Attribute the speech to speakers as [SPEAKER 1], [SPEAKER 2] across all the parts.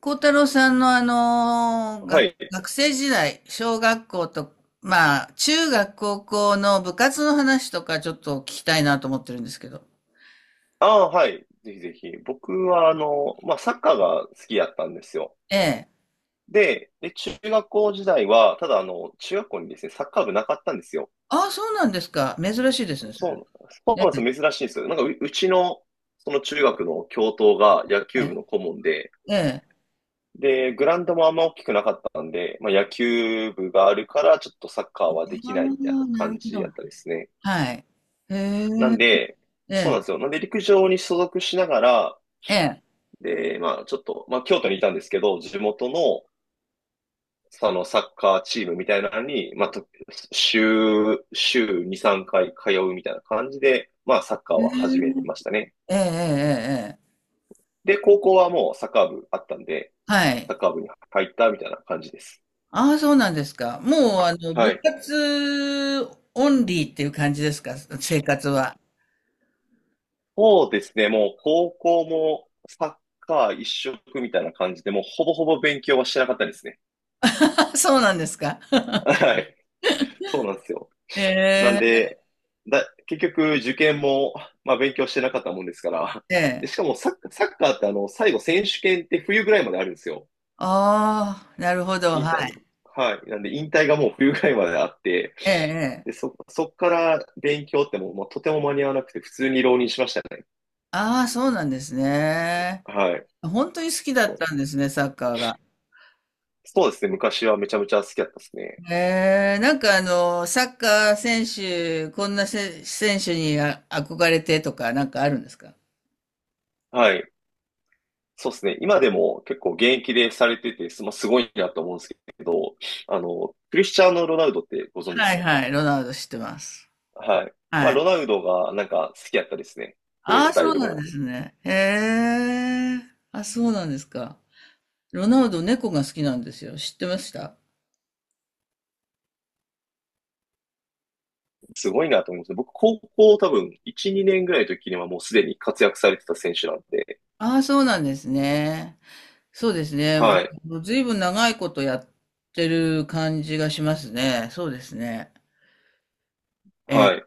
[SPEAKER 1] 孝太郎さんの
[SPEAKER 2] はい。
[SPEAKER 1] 学生時代、小学校と、まあ、中学、高校の部活の話とかちょっと聞きたいなと思ってるんですけど。
[SPEAKER 2] ああ、はい。ぜひぜひ。僕は、まあ、サッカーが好きやったんですよ。
[SPEAKER 1] ええ。
[SPEAKER 2] で、中学校時代は、ただ、中学校にですね、サッカー部なかったんですよ。
[SPEAKER 1] ああ、そうなんですか。珍しいですね、それ。
[SPEAKER 2] そうなん
[SPEAKER 1] え
[SPEAKER 2] ですよ。珍しいんですよ。なんかうちの、その中学の教頭が野球
[SPEAKER 1] え。
[SPEAKER 2] 部の顧問で、
[SPEAKER 1] ええ。
[SPEAKER 2] で、グラウンドもあんま大きくなかったんで、まあ、野球部があるから、ちょっとサッカーはで
[SPEAKER 1] あ
[SPEAKER 2] き
[SPEAKER 1] あ、
[SPEAKER 2] ないみたいな
[SPEAKER 1] なる
[SPEAKER 2] 感
[SPEAKER 1] ほ
[SPEAKER 2] じや
[SPEAKER 1] ど。
[SPEAKER 2] ったですね。
[SPEAKER 1] はい。へえ。
[SPEAKER 2] なんで、
[SPEAKER 1] え
[SPEAKER 2] そうなん
[SPEAKER 1] え。
[SPEAKER 2] ですよ。なんで、陸上に所属しながら、
[SPEAKER 1] ええ。
[SPEAKER 2] で、まあ、ちょっと、まあ、京都にいたんですけど、地元の、そのサッカーチームみたいなのに、まあ、週2、3回通うみたいな感じで、まあ、サッカー
[SPEAKER 1] へ
[SPEAKER 2] は始めて
[SPEAKER 1] え
[SPEAKER 2] ましたね。
[SPEAKER 1] ええ。ええ。ええ。
[SPEAKER 2] で、高校はもうサッカー部あったんで、
[SPEAKER 1] はい。
[SPEAKER 2] サッカー部に入ったみたいな感じです。
[SPEAKER 1] ああ、そうなんですか。もう、あの、
[SPEAKER 2] は
[SPEAKER 1] 部
[SPEAKER 2] い。
[SPEAKER 1] 活オンリーっていう感じですか、生活は。
[SPEAKER 2] そうですね、もう高校もサッカー一色みたいな感じで、もうほぼほぼ勉強はしてなかったですね。
[SPEAKER 1] あ、そうなんですか。
[SPEAKER 2] はい。そうなんですよ。
[SPEAKER 1] え
[SPEAKER 2] なん
[SPEAKER 1] え、
[SPEAKER 2] で、結局受験も、まあ、勉強してなかったもんですから。
[SPEAKER 1] え
[SPEAKER 2] で、
[SPEAKER 1] え。
[SPEAKER 2] しかもサッカーって最後選手権って冬ぐらいまであるんですよ。
[SPEAKER 1] ああ、なるほど、
[SPEAKER 2] 引
[SPEAKER 1] は
[SPEAKER 2] 退、
[SPEAKER 1] い。
[SPEAKER 2] はい。なんで引退がもう冬ぐらいまであって、
[SPEAKER 1] ええ、え
[SPEAKER 2] で、
[SPEAKER 1] え。
[SPEAKER 2] そっから勉強ってもう、まあ、とても間に合わなくて、普通に浪人しましたね。
[SPEAKER 1] ああ、そうなんですね。
[SPEAKER 2] はい。
[SPEAKER 1] 本当に好きだ
[SPEAKER 2] そ
[SPEAKER 1] っ
[SPEAKER 2] う、
[SPEAKER 1] たんですね、サッカーが。
[SPEAKER 2] そうですね。昔はめちゃめちゃ好きだったですね。
[SPEAKER 1] ええ、なんかあの、サッカー選手、こんなせ選手に憧れてとか、なんかあるんですか？
[SPEAKER 2] はい。そうですね。今でも結構現役でされてて、まあ、すごいなと思うんですけど、クリスチャーノ・ロナウドってご存知で
[SPEAKER 1] は
[SPEAKER 2] す
[SPEAKER 1] い
[SPEAKER 2] か？
[SPEAKER 1] はい、ロナウド知ってます。
[SPEAKER 2] はい。まあ、
[SPEAKER 1] はい。
[SPEAKER 2] ロナウドがなんか好きやったですね。プレー
[SPEAKER 1] ああ、
[SPEAKER 2] スタ
[SPEAKER 1] そ
[SPEAKER 2] イ
[SPEAKER 1] う
[SPEAKER 2] ル
[SPEAKER 1] なんで
[SPEAKER 2] も。
[SPEAKER 1] すね。へえ。あ、そうなんですか。ロナウド、猫が好きなんですよ。知ってました？
[SPEAKER 2] すごいなと思います。僕、高校多分、1、2年ぐらいの時にはもうすでに活躍されてた選手なんで。
[SPEAKER 1] ああ、そうなんですね。そうですね。ま
[SPEAKER 2] はい。
[SPEAKER 1] あ、ずいぶん長いことやってる感じがしますね。そうですね。ええ、
[SPEAKER 2] はい。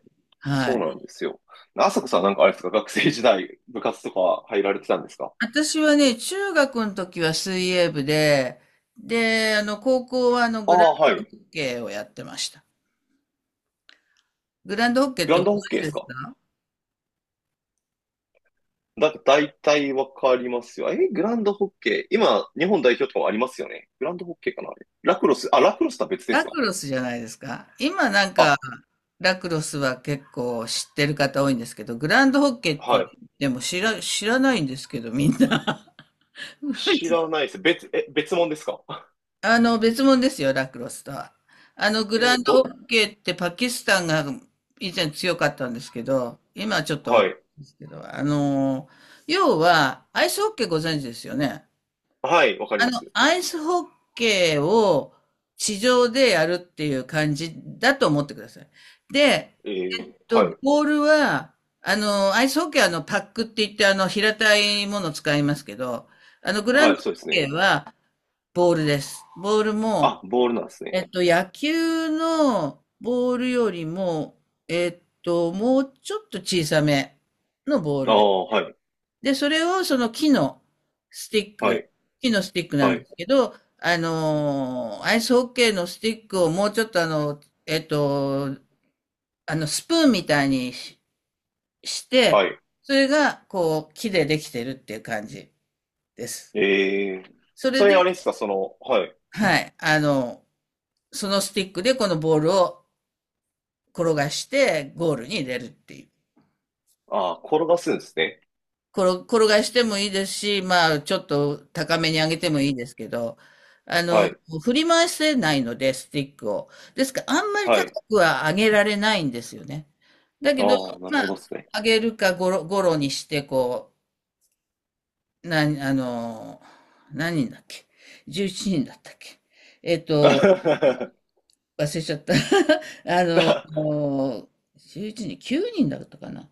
[SPEAKER 2] そ
[SPEAKER 1] は
[SPEAKER 2] う
[SPEAKER 1] い。
[SPEAKER 2] なんですよ。あさこさん、なんかあれですか？学生時代、部活とか入られてたんですか？
[SPEAKER 1] 私はね、中学の時は水泳部で、で、あの、高校はあの、
[SPEAKER 2] あ
[SPEAKER 1] グラン
[SPEAKER 2] あ、は
[SPEAKER 1] ド
[SPEAKER 2] い。
[SPEAKER 1] ホッケーをやってました。グランドホッケーっ
[SPEAKER 2] グ
[SPEAKER 1] て
[SPEAKER 2] ラン
[SPEAKER 1] ご存
[SPEAKER 2] ドホッケ
[SPEAKER 1] 知
[SPEAKER 2] ーで
[SPEAKER 1] で
[SPEAKER 2] す
[SPEAKER 1] す
[SPEAKER 2] か？
[SPEAKER 1] か？
[SPEAKER 2] 大体わかりますよ。え、グランドホッケー。今、日本代表とかもありますよね。グランドホッケーかな、あれ、ラクロス、あ、ラクロスとは別で
[SPEAKER 1] ラ
[SPEAKER 2] すか？
[SPEAKER 1] クロスじゃないですか。今なんか、
[SPEAKER 2] あ、
[SPEAKER 1] ラクロスは結構知ってる方多いんですけど、グランドホッケーっ
[SPEAKER 2] は
[SPEAKER 1] て、
[SPEAKER 2] い。
[SPEAKER 1] でも、知らないんですけど、みんな。
[SPEAKER 2] 知ら ないです。別物ですか？
[SPEAKER 1] あの、別物ですよ、ラクロスとは。あの、グラ
[SPEAKER 2] え
[SPEAKER 1] ンドホ
[SPEAKER 2] ど、
[SPEAKER 1] ッケーってパキスタンが以前強かったんですけど、今はちょっとわ
[SPEAKER 2] は
[SPEAKER 1] かんな
[SPEAKER 2] い。
[SPEAKER 1] いですけど、あの、要は、アイスホッケーご存知ですよね。
[SPEAKER 2] はい、わかり
[SPEAKER 1] あ
[SPEAKER 2] ま
[SPEAKER 1] の、
[SPEAKER 2] す。
[SPEAKER 1] アイスホッケーを地上でやるっていう感じだと思ってください。で、えっと、
[SPEAKER 2] はい。
[SPEAKER 1] ボールは、あの、アイスホッケーはあの、パックって言って、あの、平たいものを使いますけど、あの、グラン
[SPEAKER 2] は
[SPEAKER 1] ド
[SPEAKER 2] い、そうで
[SPEAKER 1] ホ
[SPEAKER 2] す
[SPEAKER 1] ッケ
[SPEAKER 2] ね。
[SPEAKER 1] ーはボールです。ボールも、
[SPEAKER 2] あ、ボールなんですね。
[SPEAKER 1] えっと、野球のボールよりも、えっと、もうちょっと小さめのボー
[SPEAKER 2] あ
[SPEAKER 1] ルです。
[SPEAKER 2] あ、はい。
[SPEAKER 1] で、それをその木のスティッ
[SPEAKER 2] は
[SPEAKER 1] ク、
[SPEAKER 2] い。
[SPEAKER 1] 木のスティックな
[SPEAKER 2] は
[SPEAKER 1] んで
[SPEAKER 2] い。
[SPEAKER 1] すけど、アイスホッケーのスティックをもうちょっとあの、えっと、あの、スプーンみたいにし、し
[SPEAKER 2] は
[SPEAKER 1] て、
[SPEAKER 2] い。
[SPEAKER 1] それが、こう、木でできてるっていう感じです。
[SPEAKER 2] えー、
[SPEAKER 1] それ
[SPEAKER 2] それあ
[SPEAKER 1] で、
[SPEAKER 2] れですか、その、はい。
[SPEAKER 1] はい、あの、そのスティックでこのボールを転がしてゴールに入れるっていう。
[SPEAKER 2] ああ、転がすんですね。
[SPEAKER 1] 転がしてもいいですし、まあ、ちょっと高めに上げてもいいですけど、あ
[SPEAKER 2] は
[SPEAKER 1] の、
[SPEAKER 2] い。
[SPEAKER 1] 振り回せないので、スティックを。ですから、あんまり
[SPEAKER 2] は
[SPEAKER 1] 高
[SPEAKER 2] い。
[SPEAKER 1] くは上げられないんですよね。だけど、
[SPEAKER 2] ああ、なる
[SPEAKER 1] まあ、
[SPEAKER 2] ほどですね。
[SPEAKER 1] 上げるかゴロにして、こう、あの、何人だっけ？ 11 人だったっけ？えっと、忘れちゃった。あの、
[SPEAKER 2] だ
[SPEAKER 1] 11人、9人だったかな。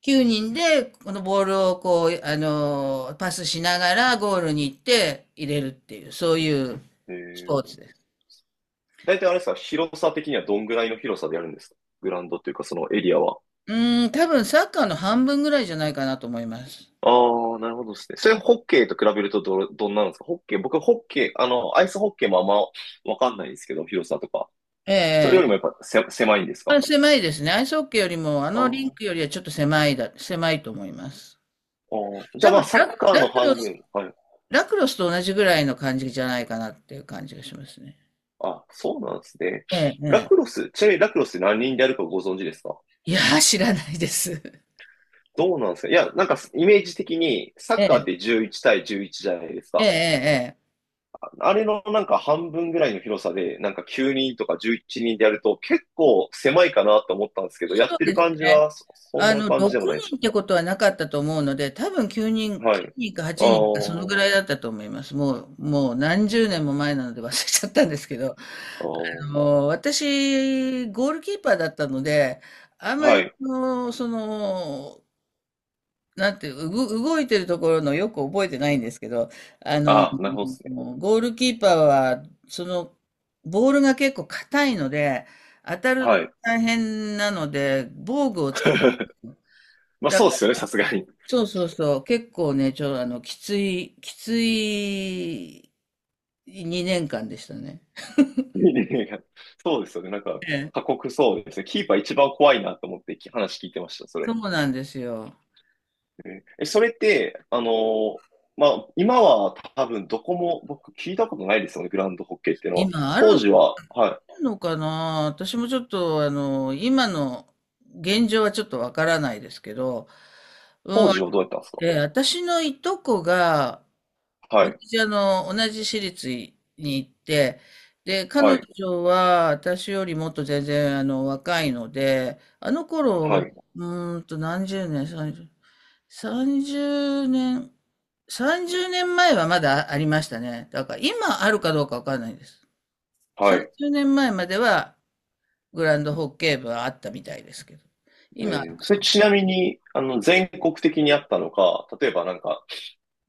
[SPEAKER 1] 9人で、このボールをこう、パスしながらゴールに行って入れるっていう、そういう
[SPEAKER 2] え
[SPEAKER 1] スポーツ
[SPEAKER 2] ー、
[SPEAKER 1] です。
[SPEAKER 2] 大体あれですか、広さ的にはどんぐらいの広さでやるんですか？グラウンドっていうか、そのエリアは。
[SPEAKER 1] うーん、多分サッカーの半分ぐらいじゃないかなと思います。
[SPEAKER 2] ああ、なるほどですね。それホッケーと比べるとどんなんですか？ホッケー、僕ホッケー、アイスホッケーもあんまわかんないんですけど、広さとか。
[SPEAKER 1] え
[SPEAKER 2] それより
[SPEAKER 1] え、
[SPEAKER 2] もやっぱ狭いんです
[SPEAKER 1] ま
[SPEAKER 2] か？
[SPEAKER 1] あ、狭いですね。アイスホッケーよりも、あ
[SPEAKER 2] ああ、
[SPEAKER 1] のリンクよりはちょっと狭いだ、狭いと思います。
[SPEAKER 2] じ
[SPEAKER 1] 多
[SPEAKER 2] ゃあま
[SPEAKER 1] 分
[SPEAKER 2] あ、サ
[SPEAKER 1] ラ、
[SPEAKER 2] ッカー
[SPEAKER 1] ラ
[SPEAKER 2] の
[SPEAKER 1] クロ
[SPEAKER 2] 半
[SPEAKER 1] ス、
[SPEAKER 2] 分。はい。
[SPEAKER 1] ラクロスと同じぐらいの感じじゃないかなっていう感じがしますね。
[SPEAKER 2] あ、そうなんですね。
[SPEAKER 1] ええ、え
[SPEAKER 2] ラク
[SPEAKER 1] え。
[SPEAKER 2] ロス、ちなみにラクロスって何人でやるかご存知ですか？
[SPEAKER 1] いやー、知らないです。
[SPEAKER 2] どうなんですか？いや、なんかイメージ的にサッ
[SPEAKER 1] え
[SPEAKER 2] カーっ
[SPEAKER 1] え、
[SPEAKER 2] て11対11じゃないです
[SPEAKER 1] ええ、え
[SPEAKER 2] か。
[SPEAKER 1] え。ええ、
[SPEAKER 2] あれのなんか半分ぐらいの広さで、なんか9人とか11人でやると結構狭いかなと思ったんですけど、や
[SPEAKER 1] そ
[SPEAKER 2] っ
[SPEAKER 1] う
[SPEAKER 2] て
[SPEAKER 1] で
[SPEAKER 2] る
[SPEAKER 1] す
[SPEAKER 2] 感じ
[SPEAKER 1] ね。
[SPEAKER 2] はそ、そん
[SPEAKER 1] あ
[SPEAKER 2] な
[SPEAKER 1] の、
[SPEAKER 2] 感じで
[SPEAKER 1] 6
[SPEAKER 2] もないです
[SPEAKER 1] 人
[SPEAKER 2] か？
[SPEAKER 1] ってことはなかったと思うので、多分
[SPEAKER 2] はい。
[SPEAKER 1] 9人か
[SPEAKER 2] あ
[SPEAKER 1] 8人かそのぐ
[SPEAKER 2] あ、
[SPEAKER 1] らいだったと思います。もう、もう何十年も前なので忘れちゃったんですけど、
[SPEAKER 2] あ
[SPEAKER 1] あ
[SPEAKER 2] あ、
[SPEAKER 1] の、私、ゴールキーパーだったので、あんま
[SPEAKER 2] は
[SPEAKER 1] り
[SPEAKER 2] い。
[SPEAKER 1] その、その、なんていう、動いてるところのよく覚えてないんですけど、あの、
[SPEAKER 2] ああ、なるほどですね。
[SPEAKER 1] ゴールキーパーは、その、ボールが結構硬いので、当たる
[SPEAKER 2] は
[SPEAKER 1] と
[SPEAKER 2] い。
[SPEAKER 1] 大変なので、防具をつける。
[SPEAKER 2] まあそうですよね、さすがに。
[SPEAKER 1] そうそうそう。結構ね、あの、きつい2年間でしたね。
[SPEAKER 2] そうですよね、なんか、過酷そうですね。キーパー一番怖いなと思って話聞いてました、そ
[SPEAKER 1] そ
[SPEAKER 2] れ。
[SPEAKER 1] うなんですよ。
[SPEAKER 2] えそれって、まあ、今は多分どこも僕聞いたことないですよね、グラウンドホッケーっていうのは。
[SPEAKER 1] 今ある
[SPEAKER 2] 当時は、はい。
[SPEAKER 1] のかな？私もちょっと、あの、今の現状はちょっとわからないですけど、
[SPEAKER 2] 当時はどうやったんですか？
[SPEAKER 1] で、私のいとこが、
[SPEAKER 2] はい、
[SPEAKER 1] あの、同じ私立に行って、で、彼
[SPEAKER 2] はい、
[SPEAKER 1] 女は私よりもっと全然、あの、若いので、あの
[SPEAKER 2] は
[SPEAKER 1] 頃、
[SPEAKER 2] い、
[SPEAKER 1] うーんと何十年、30年前はまだありましたね。だから今あるかどうかわかんないです。
[SPEAKER 2] はい。
[SPEAKER 1] 30年前まではグランドホッケー部はあったみたいですけど、今あるか
[SPEAKER 2] それ
[SPEAKER 1] どう
[SPEAKER 2] ち
[SPEAKER 1] か。
[SPEAKER 2] なみに、全国的にあったのか、例えばなんか、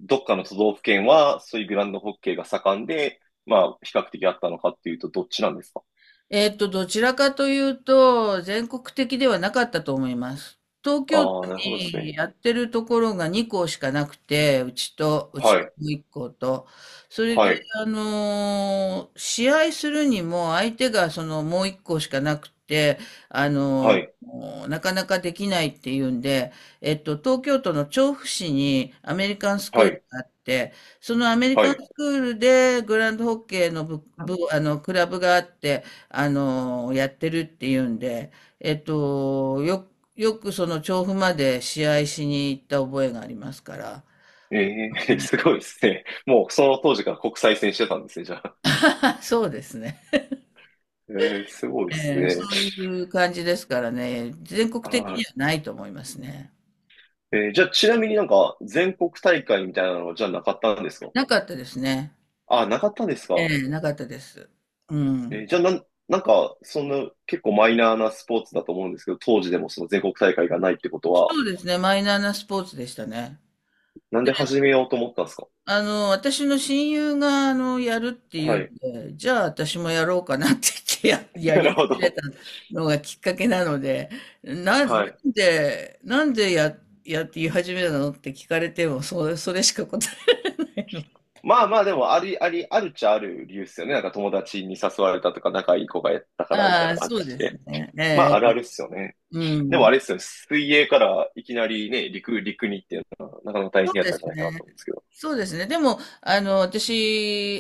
[SPEAKER 2] どっかの都道府県は、そういうグラウンドホッケーが盛んで、まあ、比較的あったのかっていうと、どっちなんですか？
[SPEAKER 1] えっと、どちらかというと、全国的ではなかったと思います。東京都
[SPEAKER 2] ああ、なるほどです
[SPEAKER 1] に
[SPEAKER 2] ね。
[SPEAKER 1] やってるところが2校しかなくて、うちと、うち
[SPEAKER 2] はい、
[SPEAKER 1] の1校と。それで、
[SPEAKER 2] はい、
[SPEAKER 1] 試合するにも相手がそのもう1校しかなくて、あ
[SPEAKER 2] は
[SPEAKER 1] の
[SPEAKER 2] い、
[SPEAKER 1] ーなかなかできないっていうんで、えっと、東京都の調布市にアメリカンスク
[SPEAKER 2] は
[SPEAKER 1] ール
[SPEAKER 2] い、
[SPEAKER 1] があって、そのアメリ
[SPEAKER 2] は
[SPEAKER 1] カン
[SPEAKER 2] い。
[SPEAKER 1] スクールでグランドホッケーのあの、クラブがあって、あの、やってるっていうんで、えっと、よ、よくその調布まで試合しに行った覚えがありますから。
[SPEAKER 2] ええ すごいですね。もうその当時から国際線してたんですね、じゃあ。
[SPEAKER 1] あ そうですね。
[SPEAKER 2] ええ、すごいです
[SPEAKER 1] えー、そ
[SPEAKER 2] ね。
[SPEAKER 1] ういう感じですからね、全国的に
[SPEAKER 2] は
[SPEAKER 1] はないと思いますね。
[SPEAKER 2] い。じゃあ、ちなみになんか全国大会みたいなのはじゃあなかったんですか？
[SPEAKER 1] なかったですね。
[SPEAKER 2] あ、なかったんです
[SPEAKER 1] え
[SPEAKER 2] か？
[SPEAKER 1] え、なかったです。うん。
[SPEAKER 2] じゃあ、なんか、そんな結構マイナーなスポーツだと思うんですけど、当時でもその全国大会がないってことは、
[SPEAKER 1] そうですね、マイナーなスポーツでしたね。
[SPEAKER 2] なんで始めようと思ったんですか？
[SPEAKER 1] あの、私の親友が、あの、やるっていう
[SPEAKER 2] は
[SPEAKER 1] ん
[SPEAKER 2] い。
[SPEAKER 1] で、じゃあ私もやろうかなって言ってや
[SPEAKER 2] な
[SPEAKER 1] り
[SPEAKER 2] るほ
[SPEAKER 1] 始め
[SPEAKER 2] ど。
[SPEAKER 1] たのがきっかけなので、な、なん
[SPEAKER 2] はい。
[SPEAKER 1] なんで、やって言い始めたのって聞かれても、それしか答え、
[SPEAKER 2] まあまあ、でも、あり、あり、あるっちゃある理由っすよね。なんか友達に誘われたとか、仲いい子がやった から、みた
[SPEAKER 1] あ
[SPEAKER 2] いな
[SPEAKER 1] あ、
[SPEAKER 2] 感
[SPEAKER 1] そう
[SPEAKER 2] じ
[SPEAKER 1] です
[SPEAKER 2] で。
[SPEAKER 1] ね。え
[SPEAKER 2] まあ、あるあ
[SPEAKER 1] え、
[SPEAKER 2] るっすよね。
[SPEAKER 1] う
[SPEAKER 2] でもあ
[SPEAKER 1] ん。
[SPEAKER 2] れっすよね。水泳からいきなりね、陸にっていうのは、なかなか大
[SPEAKER 1] そう
[SPEAKER 2] 変やっ
[SPEAKER 1] で
[SPEAKER 2] たんじゃ
[SPEAKER 1] す
[SPEAKER 2] ない
[SPEAKER 1] ね。
[SPEAKER 2] かなと思うんですけど。
[SPEAKER 1] そうですね。でも、あの、私、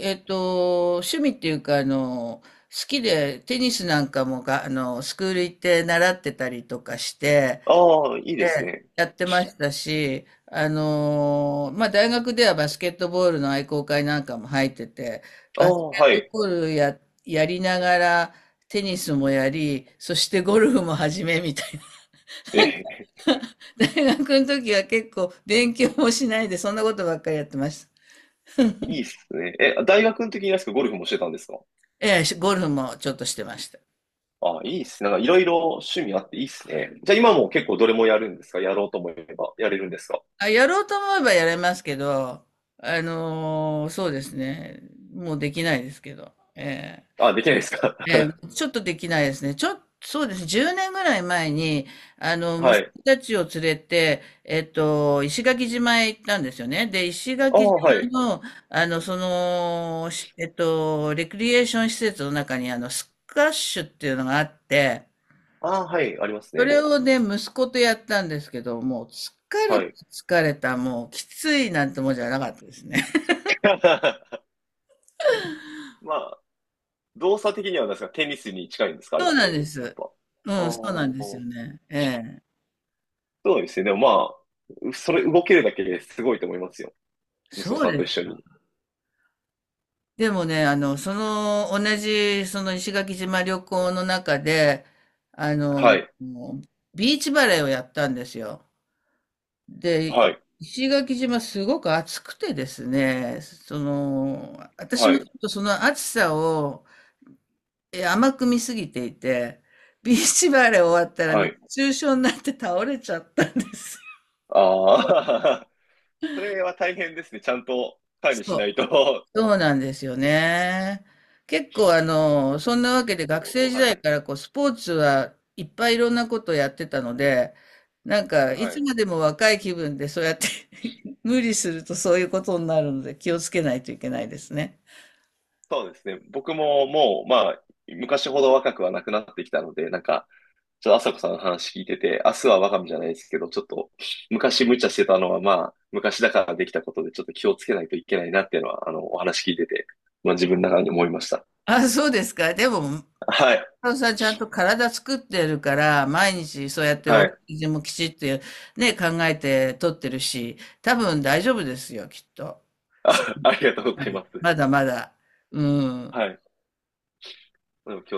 [SPEAKER 1] えっと、趣味っていうか、あの、好きでテニスなんかもあの、スクール行って習ってたりとかして、
[SPEAKER 2] ああ、いい
[SPEAKER 1] え
[SPEAKER 2] です
[SPEAKER 1] え、
[SPEAKER 2] ね。
[SPEAKER 1] やってましたし、まあ、大学ではバスケットボールの愛好会なんかも入ってて、
[SPEAKER 2] あ
[SPEAKER 1] バス
[SPEAKER 2] あ、は
[SPEAKER 1] ケット
[SPEAKER 2] い。
[SPEAKER 1] ボールや、やりながら、テニスもやり、そしてゴルフも始めみたいな。
[SPEAKER 2] え、
[SPEAKER 1] 大学の時は結構勉強もしないで、そんなことばっかりやってました。
[SPEAKER 2] いいっすね。え、大学の時にあですか、ゴルフもしてたんですか？
[SPEAKER 1] ええ、ゴルフもちょっとしてました。
[SPEAKER 2] ああ、いいっすね。なんかいろいろ趣味あっていいっすね。じゃあ今も結構どれもやるんですか？やろうと思えば、やれるんですか？
[SPEAKER 1] あ、やろうと思えばやれますけど、そうですね。もうできないですけど。ええ
[SPEAKER 2] あ、できないですか？
[SPEAKER 1] え え、ちょっとできないですね。ちょっとそうですね。10年ぐらい前に、あの、
[SPEAKER 2] は
[SPEAKER 1] 息
[SPEAKER 2] い。
[SPEAKER 1] 子たちを連れて、えっと、石垣島へ行ったんですよね。で、石
[SPEAKER 2] ああ、
[SPEAKER 1] 垣島
[SPEAKER 2] はい。
[SPEAKER 1] の、あの、その、えっと、レクリエーション施設の中に、あの、スカッシュっていうのがあって、
[SPEAKER 2] ああ、はい。あります
[SPEAKER 1] そ
[SPEAKER 2] ね。
[SPEAKER 1] れをね、息子とやったんですけど、もう、疲れ
[SPEAKER 2] は
[SPEAKER 1] た、
[SPEAKER 2] い。
[SPEAKER 1] 疲れた、もう、きついなんてもんじゃなかったですね。
[SPEAKER 2] まあ、動作的にはなんですか、テニスに近いんですか、あれ
[SPEAKER 1] そ
[SPEAKER 2] っ
[SPEAKER 1] うなん
[SPEAKER 2] て。
[SPEAKER 1] で
[SPEAKER 2] やっ
[SPEAKER 1] す。
[SPEAKER 2] ぱ。ああ、
[SPEAKER 1] うん、そうなんですよ
[SPEAKER 2] そ
[SPEAKER 1] ね。ええ。
[SPEAKER 2] うですね。でもまあ、それ動けるだけですごいと思いますよ。息子
[SPEAKER 1] そう
[SPEAKER 2] さん
[SPEAKER 1] で
[SPEAKER 2] と一
[SPEAKER 1] す。
[SPEAKER 2] 緒に。
[SPEAKER 1] でもね、同じ、その石垣島旅行の中で、あの、
[SPEAKER 2] はい、
[SPEAKER 1] もうビーチバレーをやったんですよ。で、
[SPEAKER 2] はい、
[SPEAKER 1] 石垣島すごく暑くてですね、その、私
[SPEAKER 2] は
[SPEAKER 1] もちょ
[SPEAKER 2] い、
[SPEAKER 1] っとその暑さを甘く見すぎていて、ビーチバレー終わったら
[SPEAKER 2] は
[SPEAKER 1] ね
[SPEAKER 2] い。
[SPEAKER 1] 熱中症になって倒れちゃったんです。
[SPEAKER 2] ああ、それは大変ですね。ちゃんと管理し
[SPEAKER 1] そ
[SPEAKER 2] な
[SPEAKER 1] う。
[SPEAKER 2] いと。
[SPEAKER 1] そうなんですよね。結構あの、そんなわけ
[SPEAKER 2] 結
[SPEAKER 1] で学
[SPEAKER 2] 構、
[SPEAKER 1] 生時
[SPEAKER 2] は
[SPEAKER 1] 代
[SPEAKER 2] い、
[SPEAKER 1] からこうスポーツはいっぱいいろんなことやってたので、なんかい
[SPEAKER 2] は
[SPEAKER 1] つ
[SPEAKER 2] い。
[SPEAKER 1] までも若い気分でそうやって 無理するとそういうことになるので気をつけないといけないですね。
[SPEAKER 2] そうですね。僕ももう、まあ、昔ほど若くはなくなってきたので、なんか、ちょっと朝子さんの話聞いてて、明日は我が身じゃないですけど、ちょっと昔無茶してたのは、まあ、昔だからできたことで、ちょっと気をつけないといけないなっていうのは、お話聞いてて、まあ自分の中に思いました。
[SPEAKER 1] あ、そうですか。でも
[SPEAKER 2] はい、
[SPEAKER 1] そうそうちゃんと体作ってるから、毎日そうやってお
[SPEAKER 2] は
[SPEAKER 1] 食
[SPEAKER 2] い。
[SPEAKER 1] 事もきちっとね、考えて取ってるし、多分大丈夫ですよ、きっと。そ
[SPEAKER 2] あ、ありがとうご
[SPEAKER 1] ま
[SPEAKER 2] ざい
[SPEAKER 1] だ
[SPEAKER 2] ます。
[SPEAKER 1] まだまだ。うん。
[SPEAKER 2] はい。でも今日